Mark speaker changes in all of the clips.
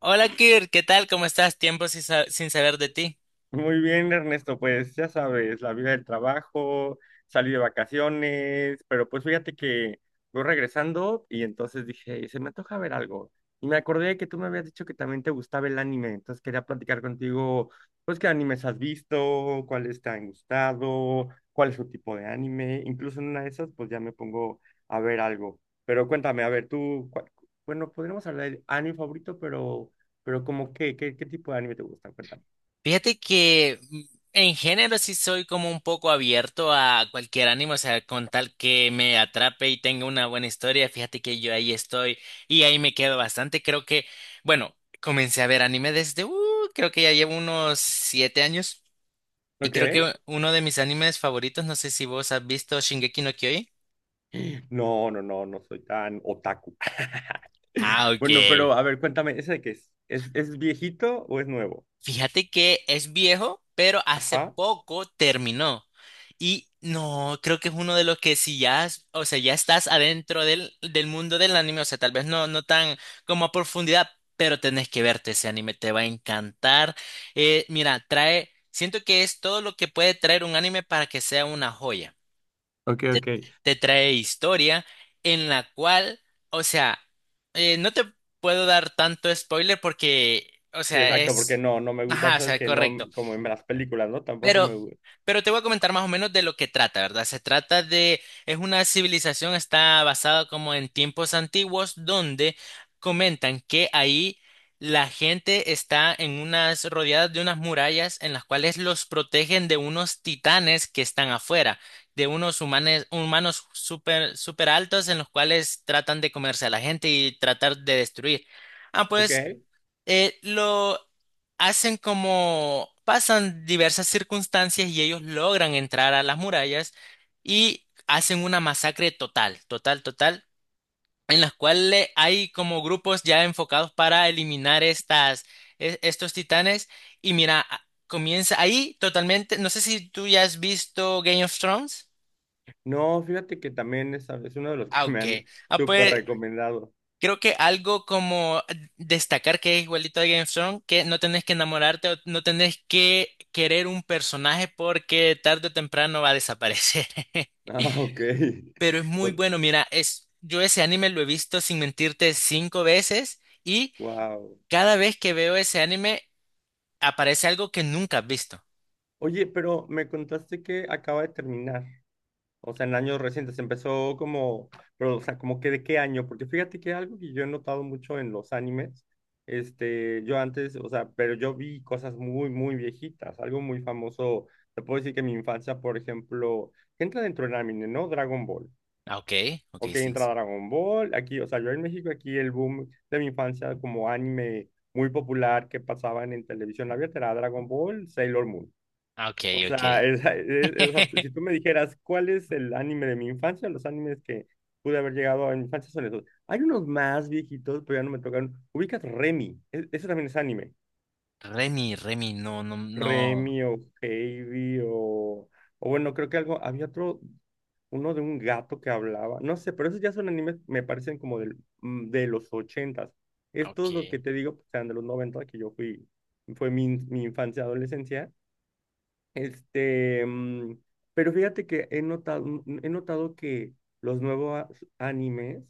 Speaker 1: Hola Kirk, ¿qué tal? ¿Cómo estás? Tiempo sin saber de ti.
Speaker 2: Muy bien, Ernesto, pues ya sabes, la vida del trabajo, salí de vacaciones, pero pues fíjate que voy regresando y entonces dije, se me antoja ver algo. Y me acordé que tú me habías dicho que también te gustaba el anime, entonces quería platicar contigo, pues qué animes has visto, cuáles te han gustado, cuál es tu tipo de anime, incluso en una de esas pues ya me pongo a ver algo. Pero cuéntame, a ver, tú, bueno, podríamos hablar del anime favorito, pero como qué, qué tipo de anime te gusta, cuéntame.
Speaker 1: Fíjate que mm, en género sí soy como un poco abierto a cualquier ánimo, o sea, con tal que me atrape y tenga una buena historia, fíjate que yo ahí estoy y ahí me quedo bastante. Creo que, bueno, comencé a ver anime desde, creo que ya llevo unos 7 años y creo
Speaker 2: ¿Ok?
Speaker 1: que uno de mis animes favoritos, no sé si vos has visto Shingeki no Kyojin.
Speaker 2: No, no soy tan otaku.
Speaker 1: Ah, ok.
Speaker 2: Bueno, pero a ver, cuéntame, ¿ese de qué es? Es viejito o es nuevo?
Speaker 1: Fíjate que es viejo, pero hace
Speaker 2: Ajá.
Speaker 1: poco terminó. Y no, creo que es uno de los que si ya, o sea, ya estás adentro del mundo del anime, o sea, tal vez no, no tan como a profundidad, pero tenés que verte ese anime, te va a encantar. Mira, trae, siento que es todo lo que puede traer un anime para que sea una joya
Speaker 2: Ok,
Speaker 1: te,
Speaker 2: ok.
Speaker 1: te trae historia en la cual, o sea, no te puedo dar tanto spoiler porque, o
Speaker 2: Sí,
Speaker 1: sea,
Speaker 2: exacto, porque
Speaker 1: es...
Speaker 2: no, no me gusta,
Speaker 1: Ajá,
Speaker 2: ya
Speaker 1: o
Speaker 2: sabes
Speaker 1: sea,
Speaker 2: que no,
Speaker 1: correcto.
Speaker 2: como en las películas, ¿no? Tampoco
Speaker 1: Pero,
Speaker 2: me gusta.
Speaker 1: pero te voy a comentar más o menos de lo que trata, ¿verdad? Se trata de, es una civilización, está basada como en tiempos antiguos, donde comentan que ahí la gente está en unas, rodeadas de unas murallas en las cuales los protegen de unos titanes que están afuera, de unos humanes, humanos súper, súper altos en los cuales tratan de comerse a la gente y tratar de destruir. Ah, pues
Speaker 2: Ok.
Speaker 1: lo hacen como pasan diversas circunstancias y ellos logran entrar a las murallas y hacen una masacre total, total, total, en las cuales hay como grupos ya enfocados para eliminar estas, estos titanes y mira, comienza ahí totalmente, no sé si tú ya has visto Game of Thrones.
Speaker 2: No, fíjate que también es uno de los
Speaker 1: Ah,
Speaker 2: que me
Speaker 1: ok.
Speaker 2: han
Speaker 1: Ah,
Speaker 2: súper
Speaker 1: pues
Speaker 2: recomendado.
Speaker 1: creo que algo como destacar que es igualito a Game of Thrones, que no tenés que enamorarte o no tenés que querer un personaje porque tarde o temprano va a desaparecer.
Speaker 2: Ah, ok.
Speaker 1: Pero es muy bueno, mira, es, yo ese anime lo he visto sin mentirte cinco veces y
Speaker 2: Wow.
Speaker 1: cada vez que veo ese anime aparece algo que nunca has visto.
Speaker 2: Oye, pero me contaste que acaba de terminar. O sea, en años recientes empezó como, pero, o sea, como que de qué año, porque fíjate que algo que yo he notado mucho en los animes, este, yo antes, o sea, pero yo vi cosas muy viejitas, algo muy famoso, te puedo decir que mi infancia, por ejemplo, que entra dentro del anime, ¿no? Dragon Ball.
Speaker 1: Ah, ok, ok,
Speaker 2: Ok,
Speaker 1: sí,
Speaker 2: entra
Speaker 1: sí.
Speaker 2: Dragon Ball, aquí, o sea, yo en México, aquí el boom de mi infancia como anime muy popular que pasaban en televisión abierta era Dragon Ball, Sailor Moon.
Speaker 1: Ah, ok,
Speaker 2: O
Speaker 1: ok.
Speaker 2: sea, o sea, si tú me dijeras cuál es el anime de mi infancia, los animes que pude haber llegado a mi infancia son esos. Hay unos más viejitos, pero ya no me tocaron. Ubicas Remy, eso también es anime.
Speaker 1: Remy, Remy, no, no, no.
Speaker 2: Remy o Heidi o bueno, creo que algo, había otro, uno de un gato que hablaba, no sé, pero esos ya son animes, me parecen como del, de los ochentas. Estos los que
Speaker 1: Ok.
Speaker 2: te digo, pues, eran de los noventa, que yo fui, fue mi, mi infancia, adolescencia. Este, pero fíjate que he notado, he notado que los nuevos animes,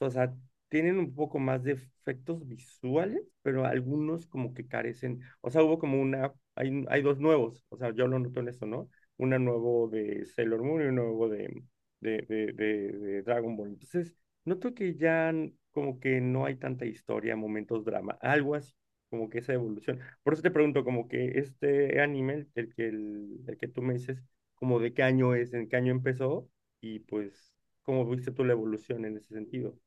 Speaker 2: o sea, tienen un poco más de efectos visuales, pero algunos como que carecen. O sea, hubo como una, hay dos nuevos, o sea, yo lo noto en eso, ¿no? Una nuevo de Sailor Moon y un nuevo de, de Dragon Ball. Entonces, noto que ya como que no hay tanta historia, momentos, drama, algo así, como que esa evolución. Por eso te pregunto, como que este anime, el que, el que tú me dices, como de qué año es, en qué año empezó, y pues, ¿cómo viste tú la evolución en ese sentido?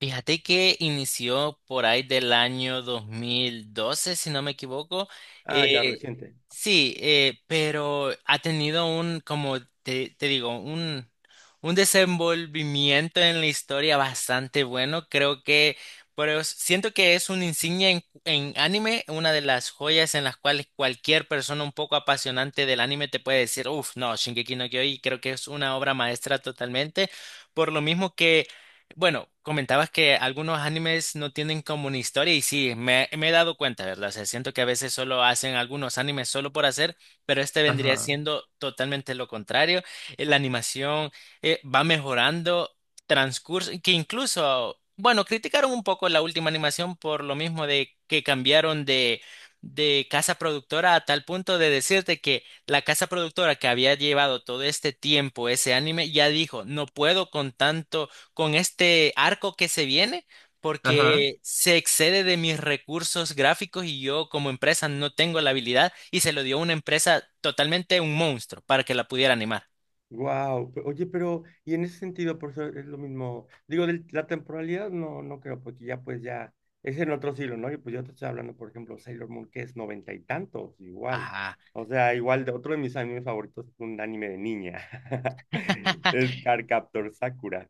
Speaker 1: Fíjate que inició por ahí del año 2012, si no me equivoco.
Speaker 2: Ah, ya
Speaker 1: Eh,
Speaker 2: reciente.
Speaker 1: sí, pero ha tenido como te digo, un desenvolvimiento en la historia bastante bueno. Creo que, pero siento que es una insignia en anime, una de las joyas en las cuales cualquier persona un poco apasionante del anime te puede decir, uff, no, Shingeki no Kyojin, creo que es una obra maestra totalmente. Por lo mismo que bueno, comentabas que algunos animes no tienen como una historia y sí, me he dado cuenta, ¿verdad? O sea, siento que a veces solo hacen algunos animes solo por hacer, pero este vendría
Speaker 2: Ajá,
Speaker 1: siendo totalmente lo contrario. La animación va mejorando transcurso, que incluso, bueno, criticaron un poco la última animación por lo mismo de que cambiaron de casa productora a tal punto de decirte que la casa productora que había llevado todo este tiempo ese anime ya dijo, no puedo con tanto con este arco que se viene
Speaker 2: ajá.
Speaker 1: porque se excede de mis recursos gráficos y yo como empresa no tengo la habilidad y se lo dio una empresa totalmente un monstruo para que la pudiera animar.
Speaker 2: Wow, oye, pero y en ese sentido, por eso es lo mismo. Digo, de la temporalidad no, no creo, porque ya pues ya es en otro siglo, ¿no? Y pues yo te estoy hablando, por ejemplo, Sailor Moon, que es noventa y tantos, igual.
Speaker 1: Ajá.
Speaker 2: O sea, igual de otro de mis animes favoritos es un anime de niña. Es Cardcaptor Sakura.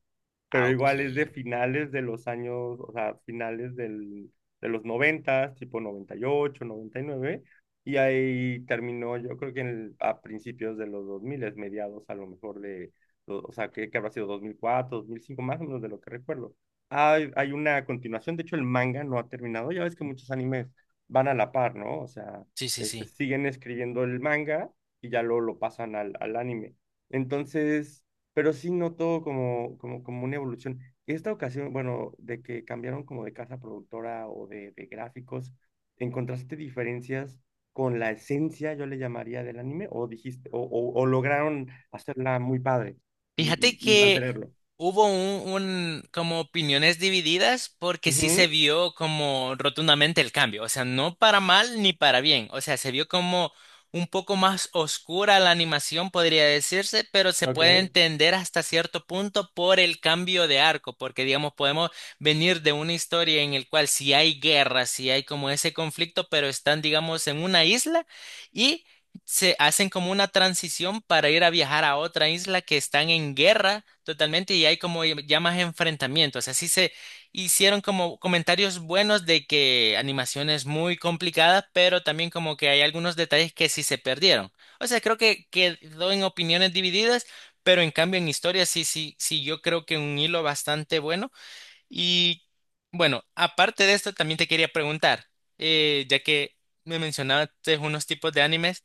Speaker 1: Ah,
Speaker 2: Pero
Speaker 1: ok.
Speaker 2: igual es de finales de los años, o sea, finales del, de los noventa, tipo noventa noventa y ocho, noventa y nueve. Y ahí terminó, yo creo que en a principios de los 2000, mediados a lo mejor de, o sea, que habrá sido dos mil cuatro dos mil cinco más o menos de lo que recuerdo. Hay una continuación, de hecho el manga no ha terminado, ya ves que muchos animes van a la par, ¿no? O sea,
Speaker 1: Sí, sí,
Speaker 2: este,
Speaker 1: sí.
Speaker 2: siguen escribiendo el manga y ya luego lo pasan al anime. Entonces, pero sí noto como una evolución. Esta ocasión, bueno, de que cambiaron como de casa productora o de gráficos, ¿encontraste diferencias? Con la esencia, yo le llamaría, del anime, o dijiste, o lograron hacerla muy padre y,
Speaker 1: Fíjate
Speaker 2: y
Speaker 1: que
Speaker 2: mantenerlo.
Speaker 1: hubo como opiniones divididas porque sí se
Speaker 2: Ujú,
Speaker 1: vio como rotundamente el cambio, o sea, no para mal ni para bien, o sea, se vio como un poco más oscura la animación, podría decirse, pero se
Speaker 2: ok,
Speaker 1: puede entender hasta cierto punto por el cambio de arco, porque digamos, podemos venir de una historia en el cual si hay guerra, si hay como ese conflicto, pero están, digamos, en una isla. Y se hacen como una transición para ir a viajar a otra isla que están en guerra totalmente y hay como ya más enfrentamientos. Así se hicieron como comentarios buenos de que animación es muy complicada, pero también como que hay algunos detalles que sí se perdieron. O sea, creo que quedó en opiniones divididas, pero en cambio en historia sí, sí, sí, yo creo que un hilo bastante bueno. Y bueno, aparte de esto, también te quería preguntar, ya que me mencionaste unos tipos de animes.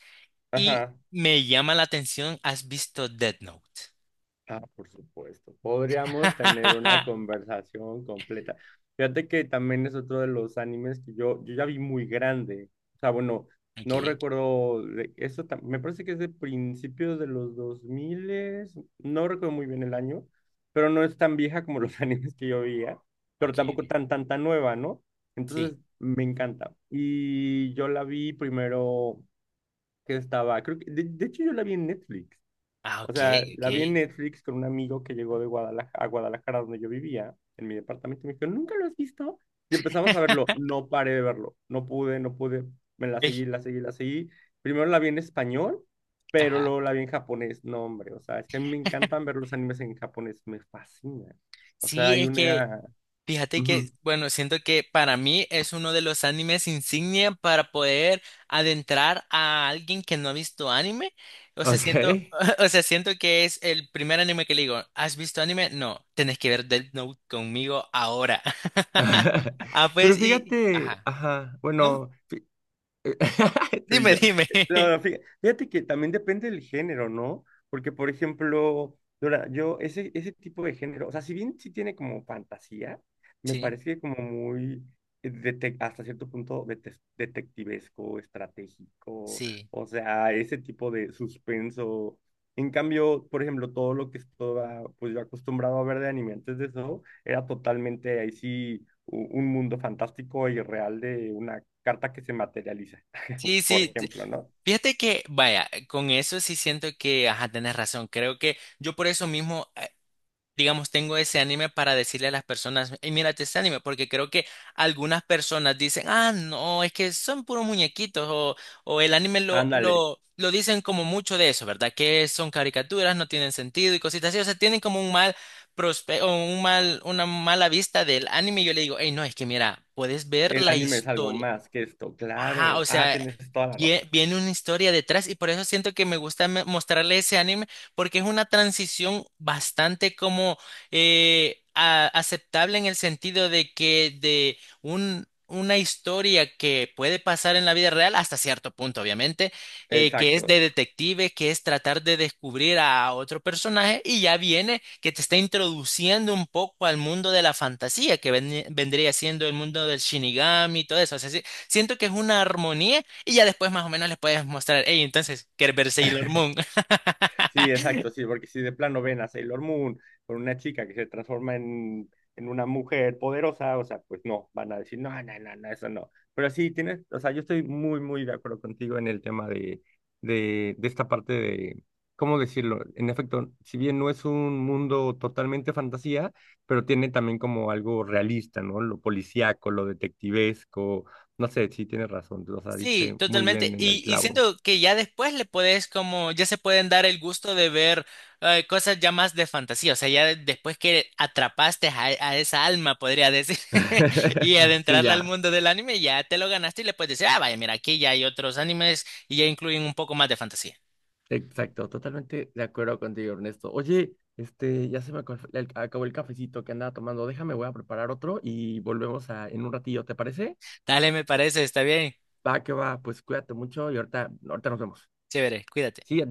Speaker 1: Y
Speaker 2: ajá.
Speaker 1: me llama la atención, ¿has visto Death Note?
Speaker 2: Ah, por supuesto. Podríamos tener una conversación completa. Fíjate que también es otro de los animes que yo ya vi muy grande. O sea, bueno, no
Speaker 1: Okay,
Speaker 2: recuerdo, eso me parece que es de principios de los 2000, no recuerdo muy bien el año, pero no es tan vieja como los animes que yo veía, pero
Speaker 1: okay,
Speaker 2: tampoco
Speaker 1: okay.
Speaker 2: tan nueva, ¿no?
Speaker 1: Sí.
Speaker 2: Entonces, me encanta. Y yo la vi primero que estaba, creo que, de hecho yo la vi en Netflix.
Speaker 1: Ah,
Speaker 2: O sea,
Speaker 1: okay,
Speaker 2: la vi en
Speaker 1: okay.
Speaker 2: Netflix con un amigo que llegó de Guadalajara, a Guadalajara, donde yo vivía, en mi departamento. Y me dijo, ¿nunca lo has visto? Y empezamos a verlo. No paré de verlo. No pude. Me la
Speaker 1: Ey,
Speaker 2: seguí, la seguí, la seguí. Primero la vi en español, pero
Speaker 1: ajá.
Speaker 2: luego la vi en japonés. No, hombre, o sea, es que a mí me encantan ver los animes en japonés. Me fascina. O sea,
Speaker 1: Sí,
Speaker 2: hay
Speaker 1: es que
Speaker 2: una...
Speaker 1: fíjate
Speaker 2: Ujú.
Speaker 1: que, bueno, siento que para mí es uno de los animes insignia para poder adentrar a alguien que no ha visto anime. O sea, siento,
Speaker 2: Ok.
Speaker 1: o sea, siento que es el primer anime que le digo, ¿has visto anime? No, tenés que ver Death Note conmigo ahora. Ah, pues,
Speaker 2: Pero
Speaker 1: y,
Speaker 2: fíjate,
Speaker 1: ajá.
Speaker 2: ajá,
Speaker 1: No.
Speaker 2: bueno. Tú y
Speaker 1: Dime,
Speaker 2: yo.
Speaker 1: dime.
Speaker 2: No, no, fíjate que también depende del género, ¿no? Porque, por ejemplo, Dora, yo, ese tipo de género, o sea, si bien sí tiene como fantasía, me
Speaker 1: Sí,
Speaker 2: parece como muy, hasta cierto punto, detectivesco, estratégico,
Speaker 1: sí.
Speaker 2: o sea, ese tipo de suspenso. En cambio, por ejemplo, todo lo que estaba, pues yo acostumbrado a ver de anime antes de eso, era totalmente ahí sí un mundo fantástico y real de una carta que se materializa,
Speaker 1: Sí,
Speaker 2: por
Speaker 1: sí. t-
Speaker 2: ejemplo, ¿no?
Speaker 1: Fíjate que, vaya, con eso sí siento que, ajá, tenés razón. Creo que yo por eso mismo, digamos, tengo ese anime para decirle a las personas, hey, mírate este anime, porque creo que algunas personas dicen, ah, no, es que son puros muñequitos, o el anime
Speaker 2: Ándale,
Speaker 1: lo dicen como mucho de eso, ¿verdad? Que son caricaturas, no tienen sentido y cositas así. O sea, tienen como un mal o un mal, una mala vista del anime, y yo le digo, hey, no, es que mira, puedes ver
Speaker 2: el
Speaker 1: la
Speaker 2: anime es algo
Speaker 1: historia.
Speaker 2: más que esto,
Speaker 1: Ajá, o
Speaker 2: claro. Ah,
Speaker 1: sea,
Speaker 2: tienes toda la razón.
Speaker 1: viene una historia detrás y por eso siento que me gusta mostrarle ese anime porque es una transición bastante como aceptable en el sentido de que de un, una historia que puede pasar en la vida real hasta cierto punto, obviamente, que es de
Speaker 2: Exacto.
Speaker 1: detective, que es tratar de descubrir a otro personaje y ya viene que te está introduciendo un poco al mundo de la fantasía que vendría siendo el mundo del Shinigami y todo eso. O sea, sí, siento que es una armonía y ya después más o menos les puedes mostrar, hey, entonces, ¿quieres ver Sailor Moon?
Speaker 2: Sí, exacto, sí, porque si de plano ven a Sailor Moon con una chica que se transforma en una mujer poderosa, o sea, pues no, van a decir, no, no, no, no, eso no. Pero sí, tienes, o sea, yo estoy muy de acuerdo contigo en el tema de, de esta parte de, ¿cómo decirlo? En efecto, si bien no es un mundo totalmente fantasía, pero tiene también como algo realista, ¿no? Lo policíaco, lo detectivesco, no sé, sí, tienes razón, o sea,
Speaker 1: Sí,
Speaker 2: diste muy
Speaker 1: totalmente.
Speaker 2: bien en el
Speaker 1: Y
Speaker 2: clavo.
Speaker 1: siento que ya después le puedes como, ya se pueden dar el gusto de ver cosas ya más de fantasía. O sea, ya después que atrapaste a esa alma, podría decir, y
Speaker 2: Sí,
Speaker 1: adentrarla al
Speaker 2: ya.
Speaker 1: mundo del anime, ya te lo ganaste y le puedes decir, ah, vaya, mira, aquí ya hay otros animes y ya incluyen un poco más de fantasía.
Speaker 2: Exacto, totalmente de acuerdo contigo, Ernesto. Oye, este, ya se me acabó el cafecito que andaba tomando. Déjame, voy a preparar otro y volvemos a, en un ratillo, ¿te parece?
Speaker 1: Dale, me parece, está bien.
Speaker 2: Va, que va, pues cuídate mucho y ahorita nos vemos.
Speaker 1: Chévere, cuídate.
Speaker 2: Sí, adiós.